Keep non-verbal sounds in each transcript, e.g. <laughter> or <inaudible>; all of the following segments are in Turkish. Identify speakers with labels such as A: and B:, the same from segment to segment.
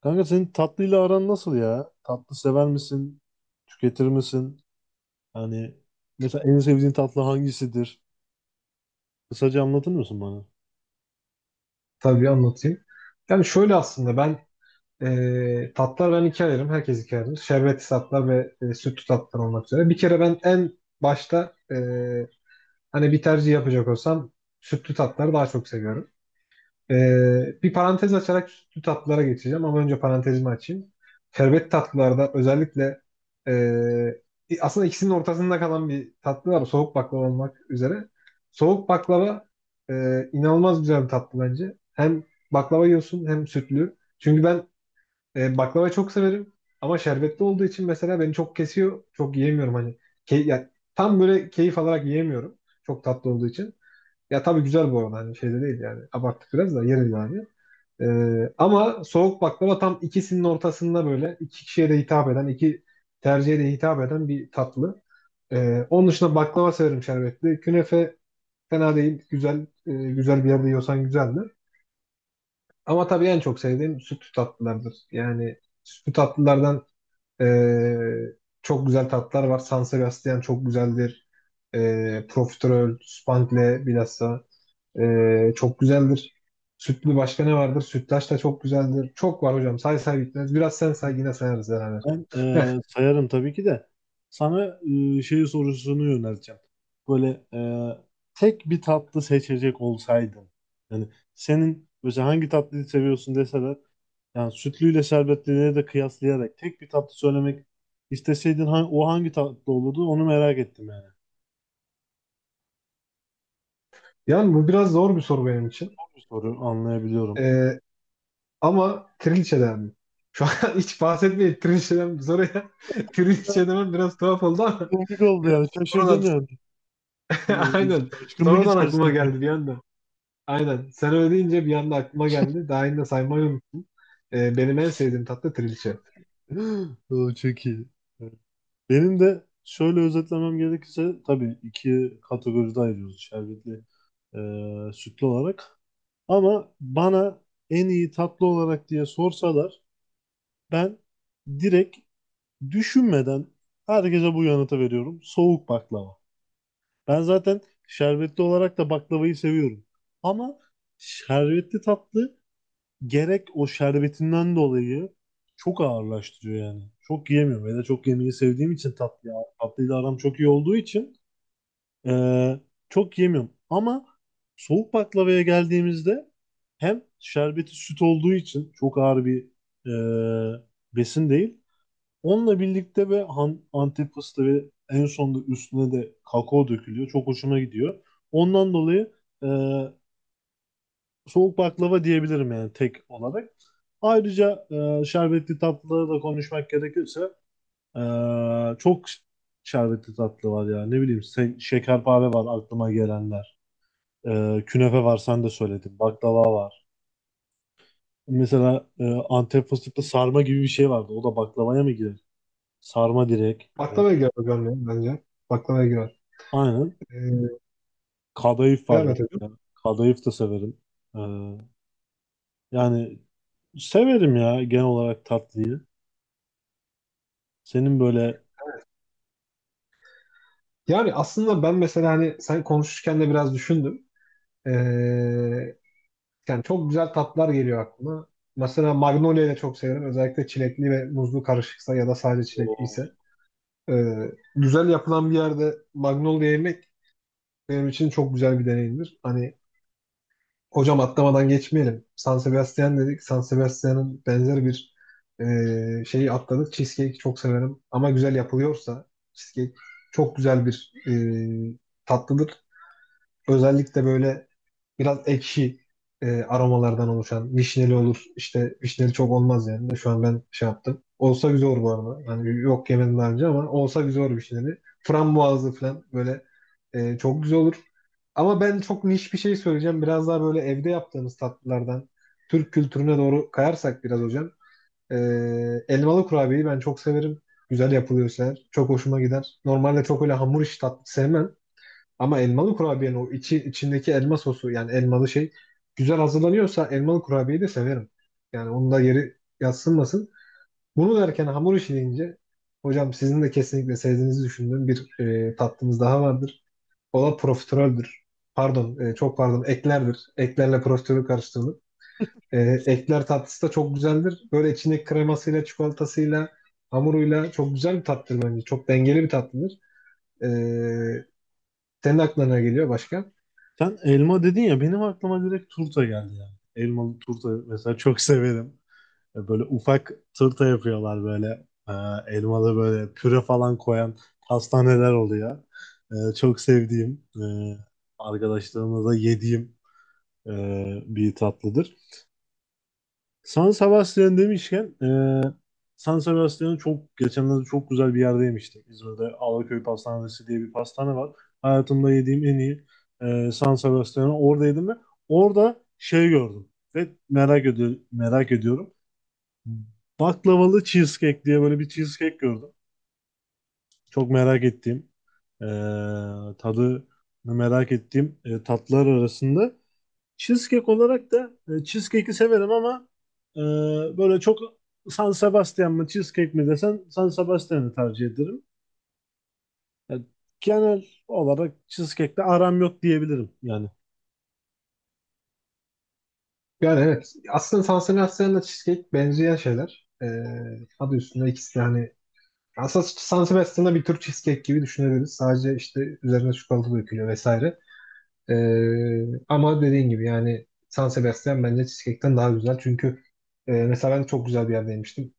A: Kanka senin tatlıyla aran nasıl ya? Tatlı sever misin? Tüketir misin? Hani mesela en sevdiğin tatlı hangisidir? Kısaca anlatır mısın bana?
B: Tabii anlatayım. Yani şöyle aslında ben tatlar ben ikiye ayırırım. Herkes ikiye ayırır. Şerbetli tatlar ve sütlü tatlar olmak üzere. Bir kere ben en başta hani bir tercih yapacak olsam sütlü tatları daha çok seviyorum. Bir parantez açarak sütlü tatlılara geçeceğim ama önce parantezimi açayım. Şerbet tatlılarda özellikle ee, aslında ikisinin ortasında kalan bir tatlı var, soğuk baklava olmak üzere. Soğuk baklava inanılmaz güzel bir tatlı bence. Hem baklava yiyorsun hem sütlü. Çünkü ben baklavayı çok severim ama şerbetli olduğu için mesela beni çok kesiyor. Çok yiyemiyorum hani. Key yani tam böyle keyif alarak yiyemiyorum. Çok tatlı olduğu için. Ya tabii güzel bu arada hani şeyde değil yani. Abarttık biraz da yeriz yani. Ama soğuk baklava tam ikisinin ortasında, böyle iki kişiye de hitap eden, iki tercihe de hitap eden bir tatlı. Onun dışında baklava severim şerbetli. Künefe fena değil. Güzel, güzel bir yerde yiyorsan güzeldir. Ama tabii en çok sevdiğim sütlü tatlılardır. Yani sütlü tatlılardan e, çok güzel tatlılar var. San Sebastian çok güzeldir. E, profiterol, spangle bilhassa. Çok güzeldir. Sütlü başka ne vardır? Sütlaç da çok güzeldir. Çok var hocam. Say say bitmez. Biraz sen say, yine sayarız beraber.
A: Ben
B: <laughs>
A: sayarım tabii ki de. Sana şey sorusunu yönelteceğim. Böyle tek bir tatlı seçecek olsaydın. Yani senin mesela hangi tatlıyı seviyorsun deseler. Yani sütlüyle şerbetlileri de kıyaslayarak tek bir tatlı söylemek isteseydin o hangi tatlı olurdu onu merak ettim yani.
B: Yani bu biraz zor bir soru benim için.
A: Bir soru anlayabiliyorum.
B: Ee, Ama trilçeden mi? Şu an <laughs> hiç bahsetmeyin trilçeden bu soruya. <laughs> Trilçe demem biraz tuhaf oldu ama
A: Komik
B: <laughs>
A: oldu
B: biraz
A: yani.
B: sonradan
A: Şaşırdım yani. Ee,
B: <laughs> aynen,
A: Şaşkınlık
B: sonradan aklıma
A: içerisinde.
B: geldi bir anda. Aynen. Sen öyle deyince bir anda aklıma geldi. Daha yine saymayı unuttum. Benim en sevdiğim tatlı trilçe.
A: <laughs> O çok iyi. Evet. Benim de şöyle özetlemem gerekirse tabii iki kategoride ayırıyoruz şerbetli sütlü olarak. Ama bana en iyi tatlı olarak diye sorsalar ben direkt düşünmeden herkese bu yanıtı veriyorum. Soğuk baklava. Ben zaten şerbetli olarak da baklavayı seviyorum. Ama şerbetli tatlı gerek o şerbetinden dolayı çok ağırlaştırıyor yani. Çok yiyemiyorum. Ve de çok yemeyi sevdiğim için tatlı, tatlıyla aram çok iyi olduğu için eee, çok yemiyorum. Ama soğuk baklavaya geldiğimizde hem şerbeti süt olduğu için çok ağır bir eee, besin değil. Onunla birlikte ve Antep fıstığı ve en sonunda üstüne de kakao dökülüyor. Çok hoşuma gidiyor. Ondan dolayı eee soğuk baklava diyebilirim yani tek olarak. Ayrıca şerbetli tatlıları da konuşmak gerekirse e, çok şerbetli tatlı var ya. Ne bileyim şekerpare var aklıma gelenler. Künefe var sen de söyledin. Baklava var. Mesela Antep fıstıklı sarma gibi bir şey vardı. O da baklavaya mı girer? Sarma direkt.
B: Baklava girer hocam ya, bence. Baklava girer.
A: Aynen.
B: Ee,
A: Kadayıf var
B: Evet, evet.
A: mesela. Kadayıf da severim. E, yani severim ya genel olarak tatlıyı. Senin böyle
B: Yani aslında ben mesela hani sen konuşurken de biraz düşündüm. Ee, Yani çok güzel tatlar geliyor aklıma. Mesela Magnolia'yı da çok severim. Özellikle çilekli ve muzlu karışıksa ya da sadece çilekliyse. Ee, Güzel yapılan bir yerde Magnolia yemek benim için çok güzel bir deneyimdir. Hani hocam, atlamadan geçmeyelim. San Sebastian dedik. San Sebastian'ın benzer bir şeyi atladık. Cheesecake çok severim. Ama güzel yapılıyorsa cheesecake çok güzel bir ee, tatlıdır. Özellikle böyle biraz ekşi aromalardan oluşan vişneli olur. İşte vişneli çok olmaz yani. De şu an ben şey yaptım. Olsa güzel olur bu arada. Yani yok, yemedim daha önce ama olsa güzel olur vişneli. Frambuazlı falan böyle çok güzel olur. Ama ben çok niş bir şey söyleyeceğim. Biraz daha böyle evde yaptığımız tatlılardan Türk kültürüne doğru kayarsak biraz hocam. E, Elmalı kurabiyeyi ben çok severim. Güzel yapılıyorsa eğer. Çok hoşuma gider. Normalde çok öyle hamur işi tatlı sevmem. Ama elmalı kurabiyenin o içi, içindeki elma sosu, yani elmalı şey güzel hazırlanıyorsa elmalı kurabiyeyi de severim. Yani onun da yeri yadsınmasın. Bunu derken, hamur işi deyince hocam, sizin de kesinlikle sevdiğinizi düşündüğüm bir tatlımız daha vardır. O da profiteroldür. Pardon, çok pardon, eklerdir. Eklerle profiterol karıştırılır. E, Ekler tatlısı da çok güzeldir. Böyle içindeki kremasıyla, çikolatasıyla, hamuruyla çok güzel bir tatlıdır bence. Çok dengeli bir tatlıdır. E, Senin aklına ne geliyor başka?
A: Sen elma dedin ya benim aklıma direkt turta geldi yani. Elmalı turta mesela çok severim. Böyle ufak turta yapıyorlar böyle. E, elmalı böyle püre falan koyan pastaneler oluyor. Çok sevdiğim, arkadaşlarımla da yediğim e, bir tatlıdır. San Sebastian demişken San Sebastian'ı çok geçenlerde çok güzel bir yerde yemiştim. İzmir'de Alaköy Pastanesi diye bir pastane var. Hayatımda yediğim en iyi San Sebastian'ı orada yedim ve orada şey gördüm ve merak ediyorum. Baklavalı cheesecake diye böyle bir cheesecake gördüm. Çok merak ettiğim e, tadı merak ettiğim tatlar arasında. Cheesecake olarak da cheesecake'i severim ama e, böyle çok, San Sebastian mı cheesecake mi desen San Sebastian'ı tercih ederim. Yani genel olarak cheesecake'le aram yok diyebilirim yani.
B: Yani evet. Aslında Sansebastian'la cheesecake benzeyen şeyler. Adı üstünde ikisi de, hani aslında San bir tür cheesecake gibi düşünebiliriz. Sadece işte üzerine çikolata dökülüyor vesaire. Ama dediğin gibi yani San Sebastian bence cheesecake'ten daha güzel. Çünkü mesela ben çok güzel bir yerde yemiştim.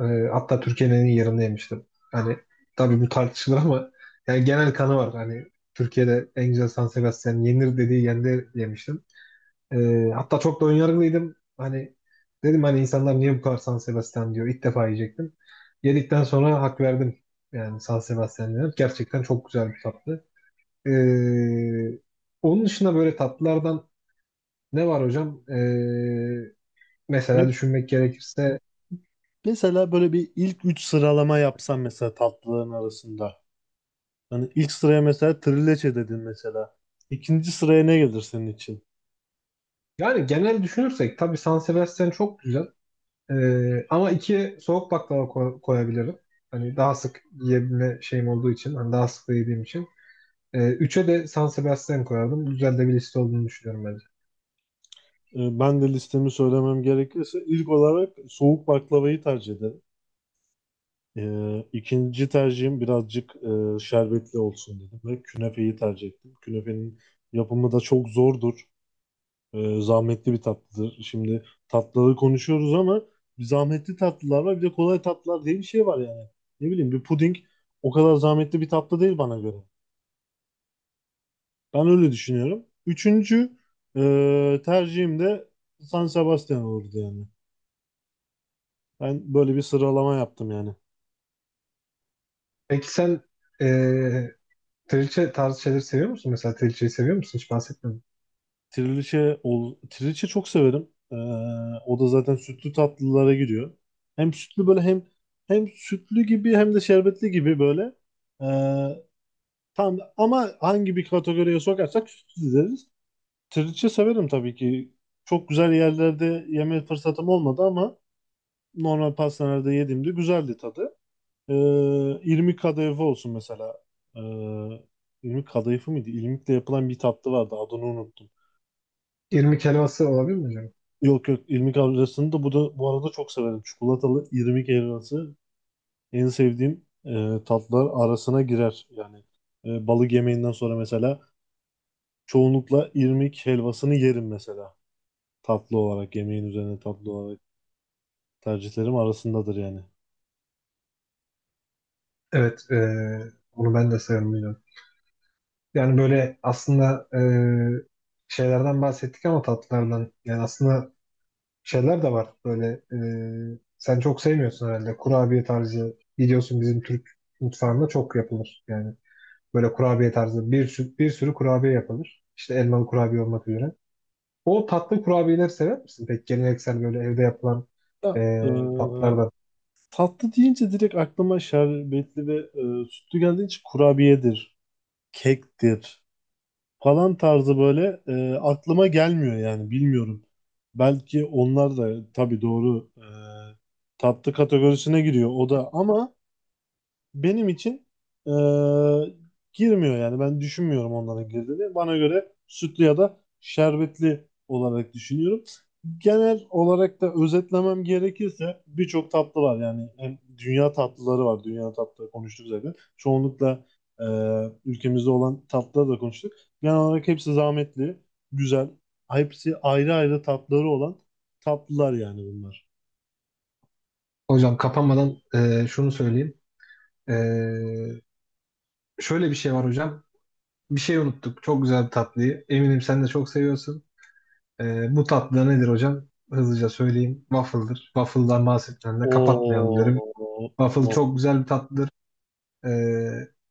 B: Ee, Hatta Türkiye'nin en iyi yerinde yemiştim. Hani tabii bu tartışılır ama yani genel kanı var. Hani Türkiye'de en güzel San Sebastian yenir dediği yerde yemiştim. Hatta çok da önyargılıydım. Hani dedim, hani insanlar niye bu kadar San Sebastian diyor. İlk defa yiyecektim. Yedikten sonra hak verdim. Yani San Sebastian dedim, gerçekten çok güzel bir tatlı. Ee, Onun dışında böyle tatlılardan ne var hocam? Mesela
A: Me-
B: düşünmek gerekirse,
A: Mesela böyle bir ilk 3 sıralama yapsam mesela tatlıların arasında. Hani ilk sıraya mesela trileçe dedin mesela. İkinci sıraya ne gelir senin için?
B: yani genel düşünürsek tabii San Sebastian çok güzel. Ama iki, soğuk baklava koyabilirim. Hani daha sık yiyebilme şeyim olduğu için, hani daha sık da yediğim için. E, üçe de San Sebastian koyardım. Güzel de bir liste olduğunu düşünüyorum bence.
A: Ben de listemi söylemem gerekirse ilk olarak soğuk baklavayı tercih ederim. İkinci tercihim birazcık şerbetli olsun dedim ve künefeyi tercih ettim. Künefenin yapımı da çok zordur. Zahmetli bir tatlıdır. Şimdi tatlıları konuşuyoruz ama bir zahmetli tatlılar var bir de kolay tatlılar diye bir şey var yani. Ne bileyim bir puding o kadar zahmetli bir tatlı değil bana göre. Ben öyle düşünüyorum. Üçüncü tercihim de San Sebastian olurdu yani. Ben böyle bir sıralama yaptım yani.
B: Peki sen e, trilce tarzı şeyleri seviyor musun? Mesela trilceyi seviyor musun? Hiç bahsetmedim.
A: Trileçe çok severim. O da zaten sütlü tatlılara giriyor. Hem sütlü böyle hem sütlü gibi hem de şerbetli gibi böyle. Ee, tam ama hangi bir kategoriye sokarsak sütlü deriz. Trileçe severim tabii ki. Çok güzel yerlerde yeme fırsatım olmadı ama normal pastanelerde yediğimde güzeldi tadı. Ee, irmik kadayıfı olsun mesela. Ee, irmik kadayıfı mıydı? İrmikle yapılan bir tatlı vardı. Adını unuttum.
B: İrmik helvası olabilir mi acaba?
A: Yok yok, irmik helvasını da bu arada çok severim. Çikolatalı irmik helvası en sevdiğim tatlar arasına girer. Yani balık yemeğinden sonra mesela çoğunlukla irmik helvasını yerim mesela. Tatlı olarak yemeğin üzerine tatlı olarak tercihlerim arasındadır yani.
B: Evet. Onu ben de severim, biliyorum. Yani böyle aslında şeylerden bahsettik ama tatlılardan. Yani aslında şeyler de var. Böyle sen çok sevmiyorsun herhalde, kurabiye tarzı. Biliyorsun bizim Türk mutfağında çok yapılır. Yani böyle kurabiye tarzı bir, bir sürü kurabiye yapılır. İşte elmalı kurabiye olmak üzere. O tatlı kurabiyeleri sever misin? Peki geleneksel, böyle evde yapılan
A: Ya, e,
B: tatlılardan.
A: tatlı deyince direkt aklıma şerbetli ve sütlü geldiği için kurabiyedir, kektir, falan tarzı böyle aklıma gelmiyor yani bilmiyorum. Belki onlar da tabii doğru tatlı kategorisine giriyor o da ama benim için eee, girmiyor yani. Ben düşünmüyorum onların girdiğini. Bana göre sütlü ya da şerbetli olarak düşünüyorum. Genel olarak da özetlemem gerekirse birçok tatlı var yani hem dünya tatlıları var. Dünya tatlıları konuştuk zaten. Çoğunlukla ülkemizde olan tatlıları da konuştuk. Genel olarak hepsi zahmetli, güzel. Hepsi ayrı ayrı tatları olan tatlılar yani bunlar.
B: Hocam kapanmadan şunu söyleyeyim. E, Şöyle bir şey var hocam. Bir şey unuttuk, çok güzel bir tatlıyı. Eminim sen de çok seviyorsun. Bu tatlı nedir hocam? Hızlıca söyleyeyim. Waffle'dır. Waffle'dan bahsetmeden de kapatmayalım derim.
A: Oo,
B: Waffle çok
A: of,
B: güzel bir tatlıdır. E,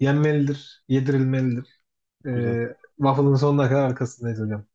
B: Yenmelidir, yedirilmelidir.
A: güzel.
B: Waffle'ın sonuna kadar arkasındayız hocam.